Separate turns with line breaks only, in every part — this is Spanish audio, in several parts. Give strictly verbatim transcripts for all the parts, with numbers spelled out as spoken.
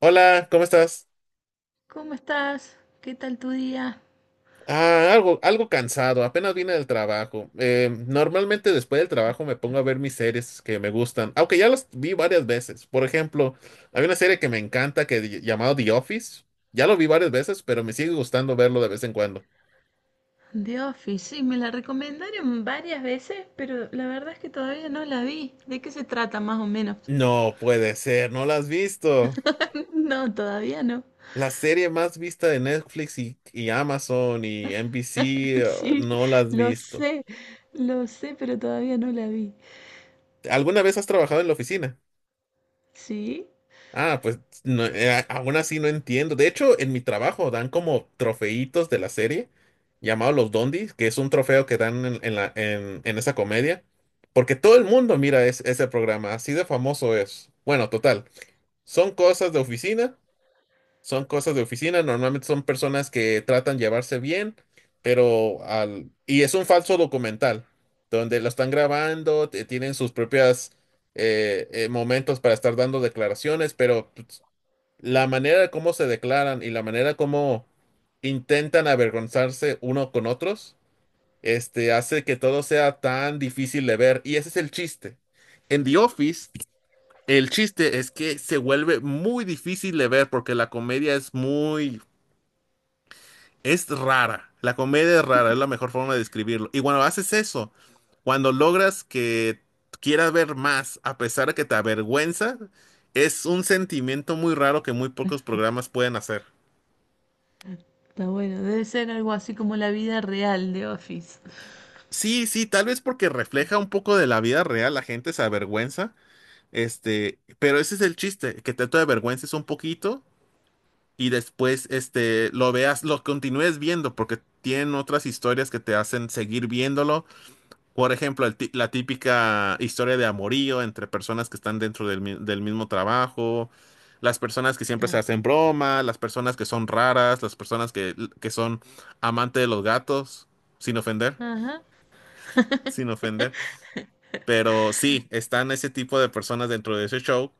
Hola, ¿cómo estás?
¿Cómo estás? ¿Qué tal tu día?
Ah, algo, algo cansado, apenas vine del trabajo. Eh, normalmente después del trabajo me pongo a ver mis series que me gustan, aunque ya las vi varias veces. Por ejemplo, hay una serie que me encanta que di- llamado The Office. Ya lo vi varias veces, pero me sigue gustando verlo de vez en cuando.
The Office, sí, me la recomendaron varias veces, pero la verdad es que todavía no la vi. ¿De qué se trata más o menos?
No puede ser, no la has visto.
No, todavía no.
La serie más vista de Netflix y, y Amazon y N B C, eh,
Sí,
no la has
lo
visto.
sé, lo sé, pero todavía no la vi.
¿Alguna vez has trabajado en la oficina?
Sí,
Ah, pues no, eh, aún así no entiendo. De hecho, en mi trabajo dan como trofeitos de la serie llamado los Dondis, que es un trofeo que dan en, en la, en, en esa comedia, porque todo el mundo mira es- ese programa, así de famoso es. Bueno, total, son cosas de oficina, son cosas de oficina, normalmente son personas que tratan de llevarse bien, pero al... Y es un falso documental, donde lo están grabando, te- tienen sus propias eh, eh, momentos para estar dando declaraciones, pero... pues, la manera de cómo se declaran y la manera como intentan avergonzarse uno con otros, este, hace que todo sea tan difícil de ver. Y ese es el chiste. En The Office, el chiste es que se vuelve muy difícil de ver porque la comedia es muy, es rara. La comedia es rara, es la mejor forma de describirlo. Y cuando haces eso, cuando logras que quieras ver más, a pesar de que te avergüenza, es un sentimiento muy raro que muy pocos programas pueden hacer.
está bueno, debe ser algo así como la vida real de Office.
Sí, sí, tal vez porque refleja un poco de la vida real, la gente se avergüenza, este, pero ese es el chiste, que te te avergüences un poquito y después, este, lo veas, lo continúes viendo porque tienen otras historias que te hacen seguir viéndolo. Por ejemplo, el ti- la típica historia de amorío entre personas que están dentro del, mi- del mismo trabajo, las personas que siempre se
Claro.
hacen broma, las personas que son raras, las personas que, que son amante de los gatos, sin ofender,
Ajá.
sin ofender. Pero sí, están ese tipo de personas dentro de ese show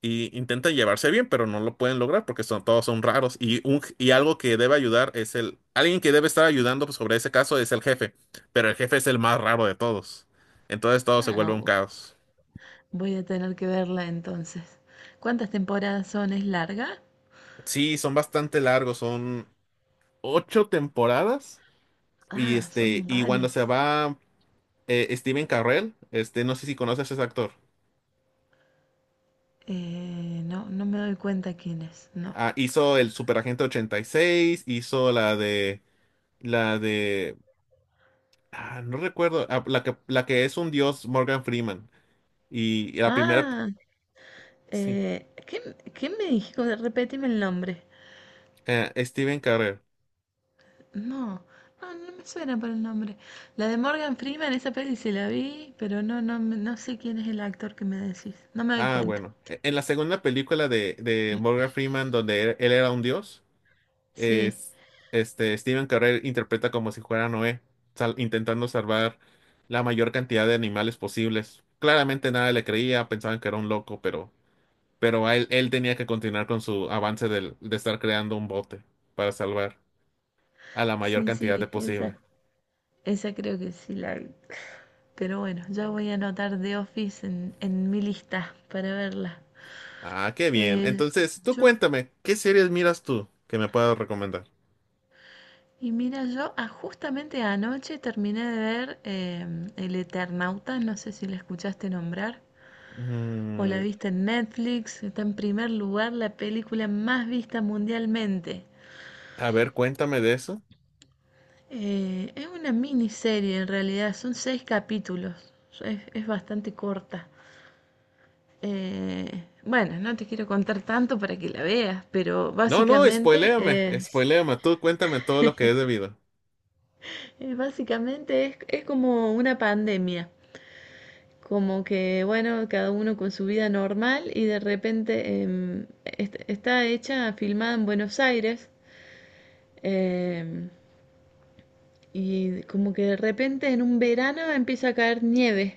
y intentan llevarse bien, pero no lo pueden lograr porque son, todos son raros. Y, un, y algo que debe ayudar es el... Alguien que debe estar ayudando pues, sobre ese caso es el jefe, pero el jefe es el más raro de todos. Entonces todo se
Ah,
vuelve un
bu-
caos.
Voy a tener que verla entonces. ¿Cuántas temporadas son? ¿Es larga?
Sí, son bastante largos, son ocho temporadas y
Ah,
este
son
y cuando
varias.
se va eh, Steven Carrell, este no sé si conoces a ese actor.
Eh, no, no me doy cuenta quién es, no.
Ah, hizo el Superagente ochenta y seis, hizo la de la de Ah, no recuerdo. Ah, la que, la que es un dios, Morgan Freeman. Y la primera,
Ah,
sí,
eh, ¿Qué, qué me dijo? Repetime el nombre.
eh, Steven Carell.
No, no, no me suena por el nombre. La de Morgan Freeman, esa peli se la vi, pero no, no, me- no sé quién es el actor que me decís. No me doy
Ah,
cuenta.
bueno. E- En la segunda película de, de Morgan Freeman, donde él, él era un dios,
Sí,
es, este, Steven Carell interpreta como si fuera Noé, sal- intentando salvar la mayor cantidad de animales posibles. Claramente nada le creía, pensaban que era un loco, pero, pero a él, él tenía que continuar con su avance del- de estar creando un bote para salvar a la mayor
sí,
cantidad de
sí, esa,
posible.
esa creo que sí la vi. Pero bueno, ya voy a anotar The Office en, en mi lista para verla.
Ah, qué bien.
Eh,
Entonces, tú
yo
cuéntame, ¿qué series miras tú que me puedas recomendar?
Y mira, yo ah, justamente anoche terminé de ver em, El Eternauta, no sé si la escuchaste nombrar o la
Mm,
viste en Netflix, está en primer lugar la película más vista mundialmente.
a ver, cuéntame de eso.
Eh, es una miniserie en realidad, son seis capítulos, es, es bastante corta. Eh, bueno, no te quiero contar tanto para que la veas, pero
No, no,
básicamente
spoiléame,
es,
spoiléame. Tú cuéntame todo lo que es debido.
eh, básicamente es es como una pandemia. Como que, bueno, cada uno con su vida normal y de repente em, est- está hecha, filmada en Buenos Aires em, y como que de repente en un verano empieza a caer nieve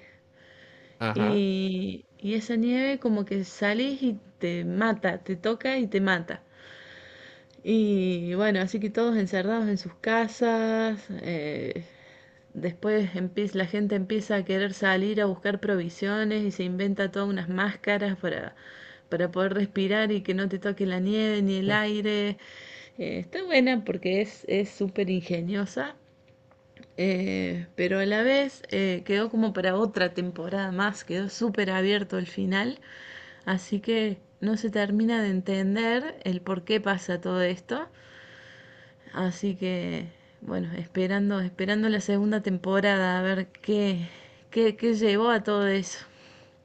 Ajá.
y, y esa nieve como que salís y te mata, te toca y te mata. Y bueno, así que todos encerrados en sus casas. Eh, Después empie- la gente empieza a querer salir a buscar provisiones y se inventa todas unas máscaras para, para poder respirar y que no te toque la nieve ni el aire. Eh, está buena porque es es súper ingeniosa, eh, pero a la vez eh, quedó como para otra temporada más, quedó súper abierto el final, así que no se termina de entender el por qué pasa todo esto. Así que, bueno, esperando, esperando la segunda temporada a ver qué, qué, qué llevó a todo eso.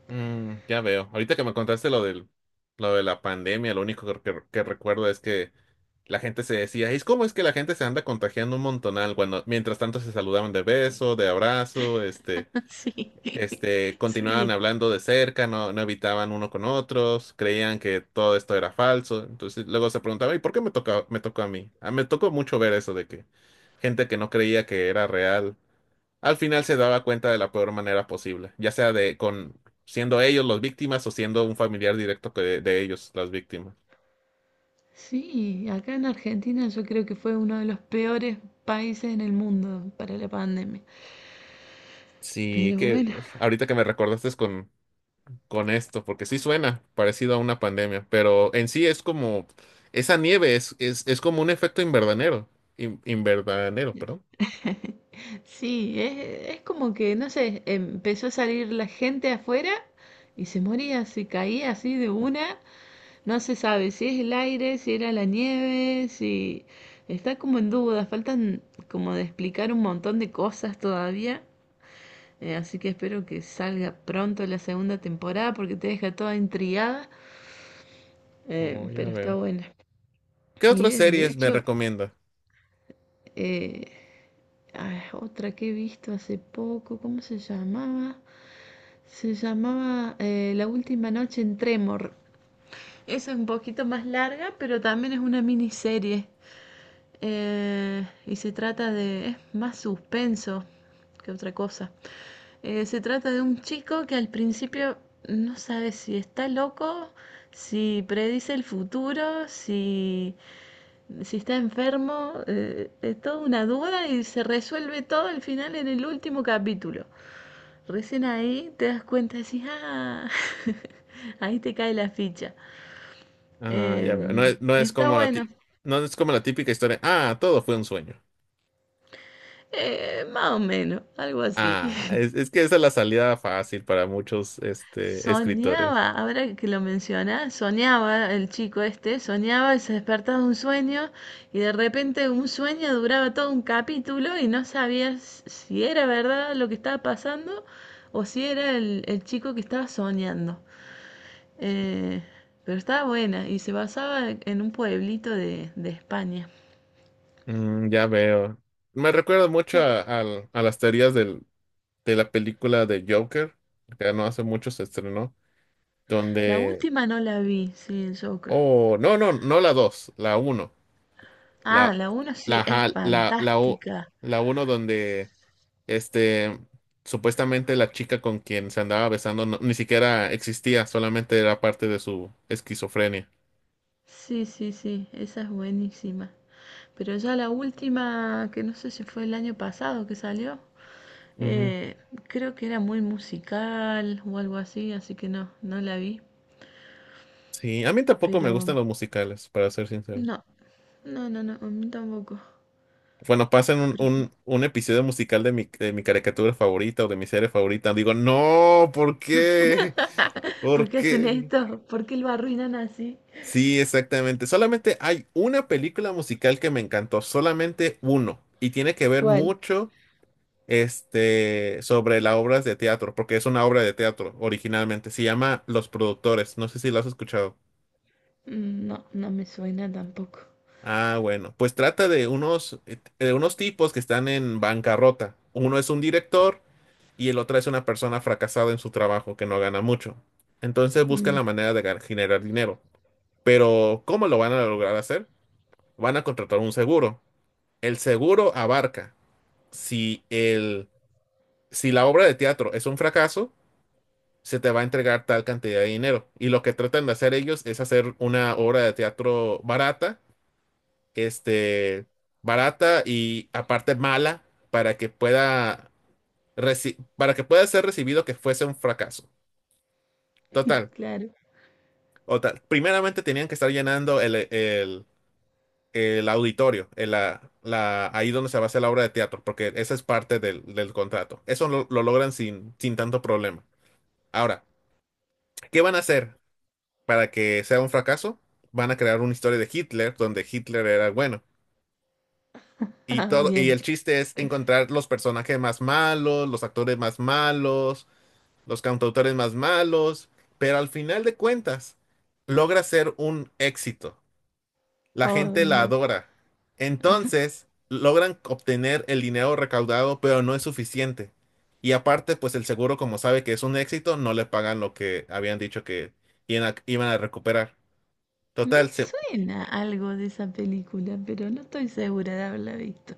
Mm, ya veo. Ahorita que me contaste lo del, lo de la pandemia, lo único que, que- que recuerdo es que la gente se decía, es cómo es que la gente se anda contagiando un montonal cuando mientras tanto se saludaban de beso, de abrazo, este,
Sí,
Este, continuaban
sí.
hablando de cerca, no, no evitaban uno con otros, creían que todo esto era falso. Entonces luego se preguntaba, ¿y por qué me tocó, me tocó a mí? Ah, me tocó mucho ver eso de que gente que no creía que era real, al final se daba cuenta de la peor manera posible, ya sea de con siendo ellos las víctimas o siendo un familiar directo que- de, ellos las víctimas.
Sí, acá en Argentina yo creo que fue uno de los peores países en el mundo para la pandemia.
Sí,
Pero
que
bueno,
ahorita que me recordaste es con con esto, porque sí suena parecido a una pandemia, pero en sí es como, esa nieve es, es, es como un efecto invernadero, in- invernadero, perdón.
sí, es, es como que, no sé, empezó a salir la gente afuera y se moría, se caía así de una. No se sabe si es el aire, si era la nieve, si... Está como en duda, faltan como de explicar un montón de cosas todavía. Eh, así que espero que salga pronto la segunda temporada porque te deja toda intrigada,
Oh,
eh,
ya
pero está
veo.
buena.
¿Qué
Y
otras
de, de
series me
hecho,
recomienda?
eh, ah, otra que he visto hace poco, ¿cómo se llamaba? Se llamaba eh, La última noche en Tremor. Esa es un poquito más larga, pero también es una miniserie. Eh, y se trata de... es más suspenso que otra cosa. Eh, se trata de un chico que al principio no sabe si está loco, si predice el futuro, si, si está enfermo. Eh, es toda una duda y se resuelve todo al final en el último capítulo. Recién ahí te das cuenta y decís, ah, ahí te cae la ficha.
Ah, ya veo. No
Eh,
es, no es
Está
como la ti-
bueno.
no es como la típica historia. Ah, todo fue un sueño.
Eh, más o menos, algo así.
Ah, es, es que esa es la salida fácil para muchos, este, escritores.
Soñaba, ahora que lo menciona, soñaba el chico este, soñaba y se despertaba de un sueño y de repente un sueño duraba todo un capítulo y no sabías si era verdad lo que estaba pasando o si era el, el chico que estaba soñando. Eh, pero estaba buena y se basaba en un pueblito de, de España.
Mm, ya veo. Me recuerda mucho a, al- a las teorías del- de la película de Joker, que no hace mucho se estrenó.
La
Donde...
última no la vi, sí, el Joker.
Oh, no, no, no la dos, la uno.
Ah,
La,
la uno
la,
sí es
ajá, la, la, u-
fantástica.
la uno donde, este, supuestamente la chica con quien se andaba besando no- ni siquiera existía, solamente era parte de su esquizofrenia.
Sí, sí, sí, esa es buenísima. Pero ya la última, que no sé si fue el año pasado que salió,
Ujú.
eh, creo que era muy musical o algo así, así que no, no la vi.
Sí, a mí tampoco me
Pero
gustan los musicales, para ser sincero.
no, no, no, no, a mí tampoco.
Bueno, pasan un,
Prefiero-
un, un episodio musical de mi, de mi caricatura favorita o de mi serie favorita, digo, no, ¿por qué?
¿Por
¿Por
qué hacen
qué?
esto? ¿Por qué lo arruinan así?
Sí, exactamente. Solamente hay una película musical que me encantó, solamente uno, y tiene que ver
¿Cuál?
mucho, este sobre las obras de teatro, porque es una obra de teatro originalmente. Se llama Los Productores. No sé si lo has escuchado.
Mm, no, no me suena tampoco.
Ah, bueno, pues trata de unos eh, de unos tipos que están en bancarrota. Uno es un director y el otro es una persona fracasada en su trabajo que no gana mucho. Entonces buscan
Mm,
la manera de gan- generar dinero. Pero ¿cómo lo van a lograr hacer? Van a contratar un seguro. El seguro abarca si el, si la obra de teatro es un fracaso, se te va a entregar tal cantidad de dinero. Y lo que tratan de hacer ellos es hacer una obra de teatro barata, este, barata y aparte mala para que pueda reci- para que pueda ser recibido que fuese un fracaso. Total,
claro.
total. Primeramente tenían que estar llenando el, el- el auditorio, el- la, la- ahí donde se va a hacer la obra de teatro, porque esa es parte del, del contrato. Eso lo, lo logran sin, sin tanto problema. Ahora, ¿qué van a hacer para que sea un fracaso? Van a crear una historia de Hitler, donde Hitler era el bueno. Y
Ah,
todo, y
bien.
el chiste es encontrar los personajes más malos, los actores más malos, los cantautores más malos, pero al final de cuentas logra ser un éxito. La
Oh,
gente la
no.
adora. Entonces, logran obtener el dinero recaudado, pero no es suficiente. Y aparte, pues el seguro, como sabe que es un éxito, no le pagan lo que habían dicho que iban a, iban a recuperar.
Me
Total, se,
suena algo de esa película, pero no estoy segura de haberla visto.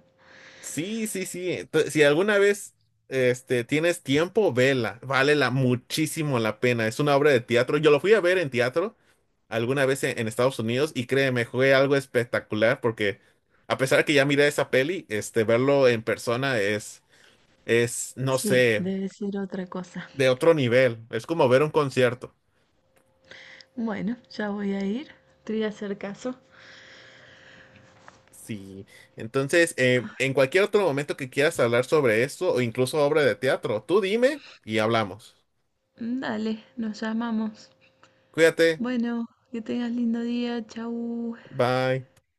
sí, sí, sí. Ento- si alguna vez, este, tienes tiempo, vela. Vale la, muchísimo la pena. Es una obra de teatro. Yo lo fui a ver en teatro alguna vez en, en Estados Unidos y créeme, fue algo espectacular porque a pesar que ya miré esa peli, este, verlo en persona es, es, no
Sí,
sé,
debe ser otra cosa.
de otro nivel. Es como ver un concierto.
Bueno, ya voy a ir. Te voy a hacer caso.
Sí. Entonces, eh, en cualquier otro momento que quieras hablar sobre esto o incluso obra de teatro, tú dime y hablamos.
Dale, nos llamamos.
Cuídate.
Bueno, que tengas lindo día. Chau.
Bye.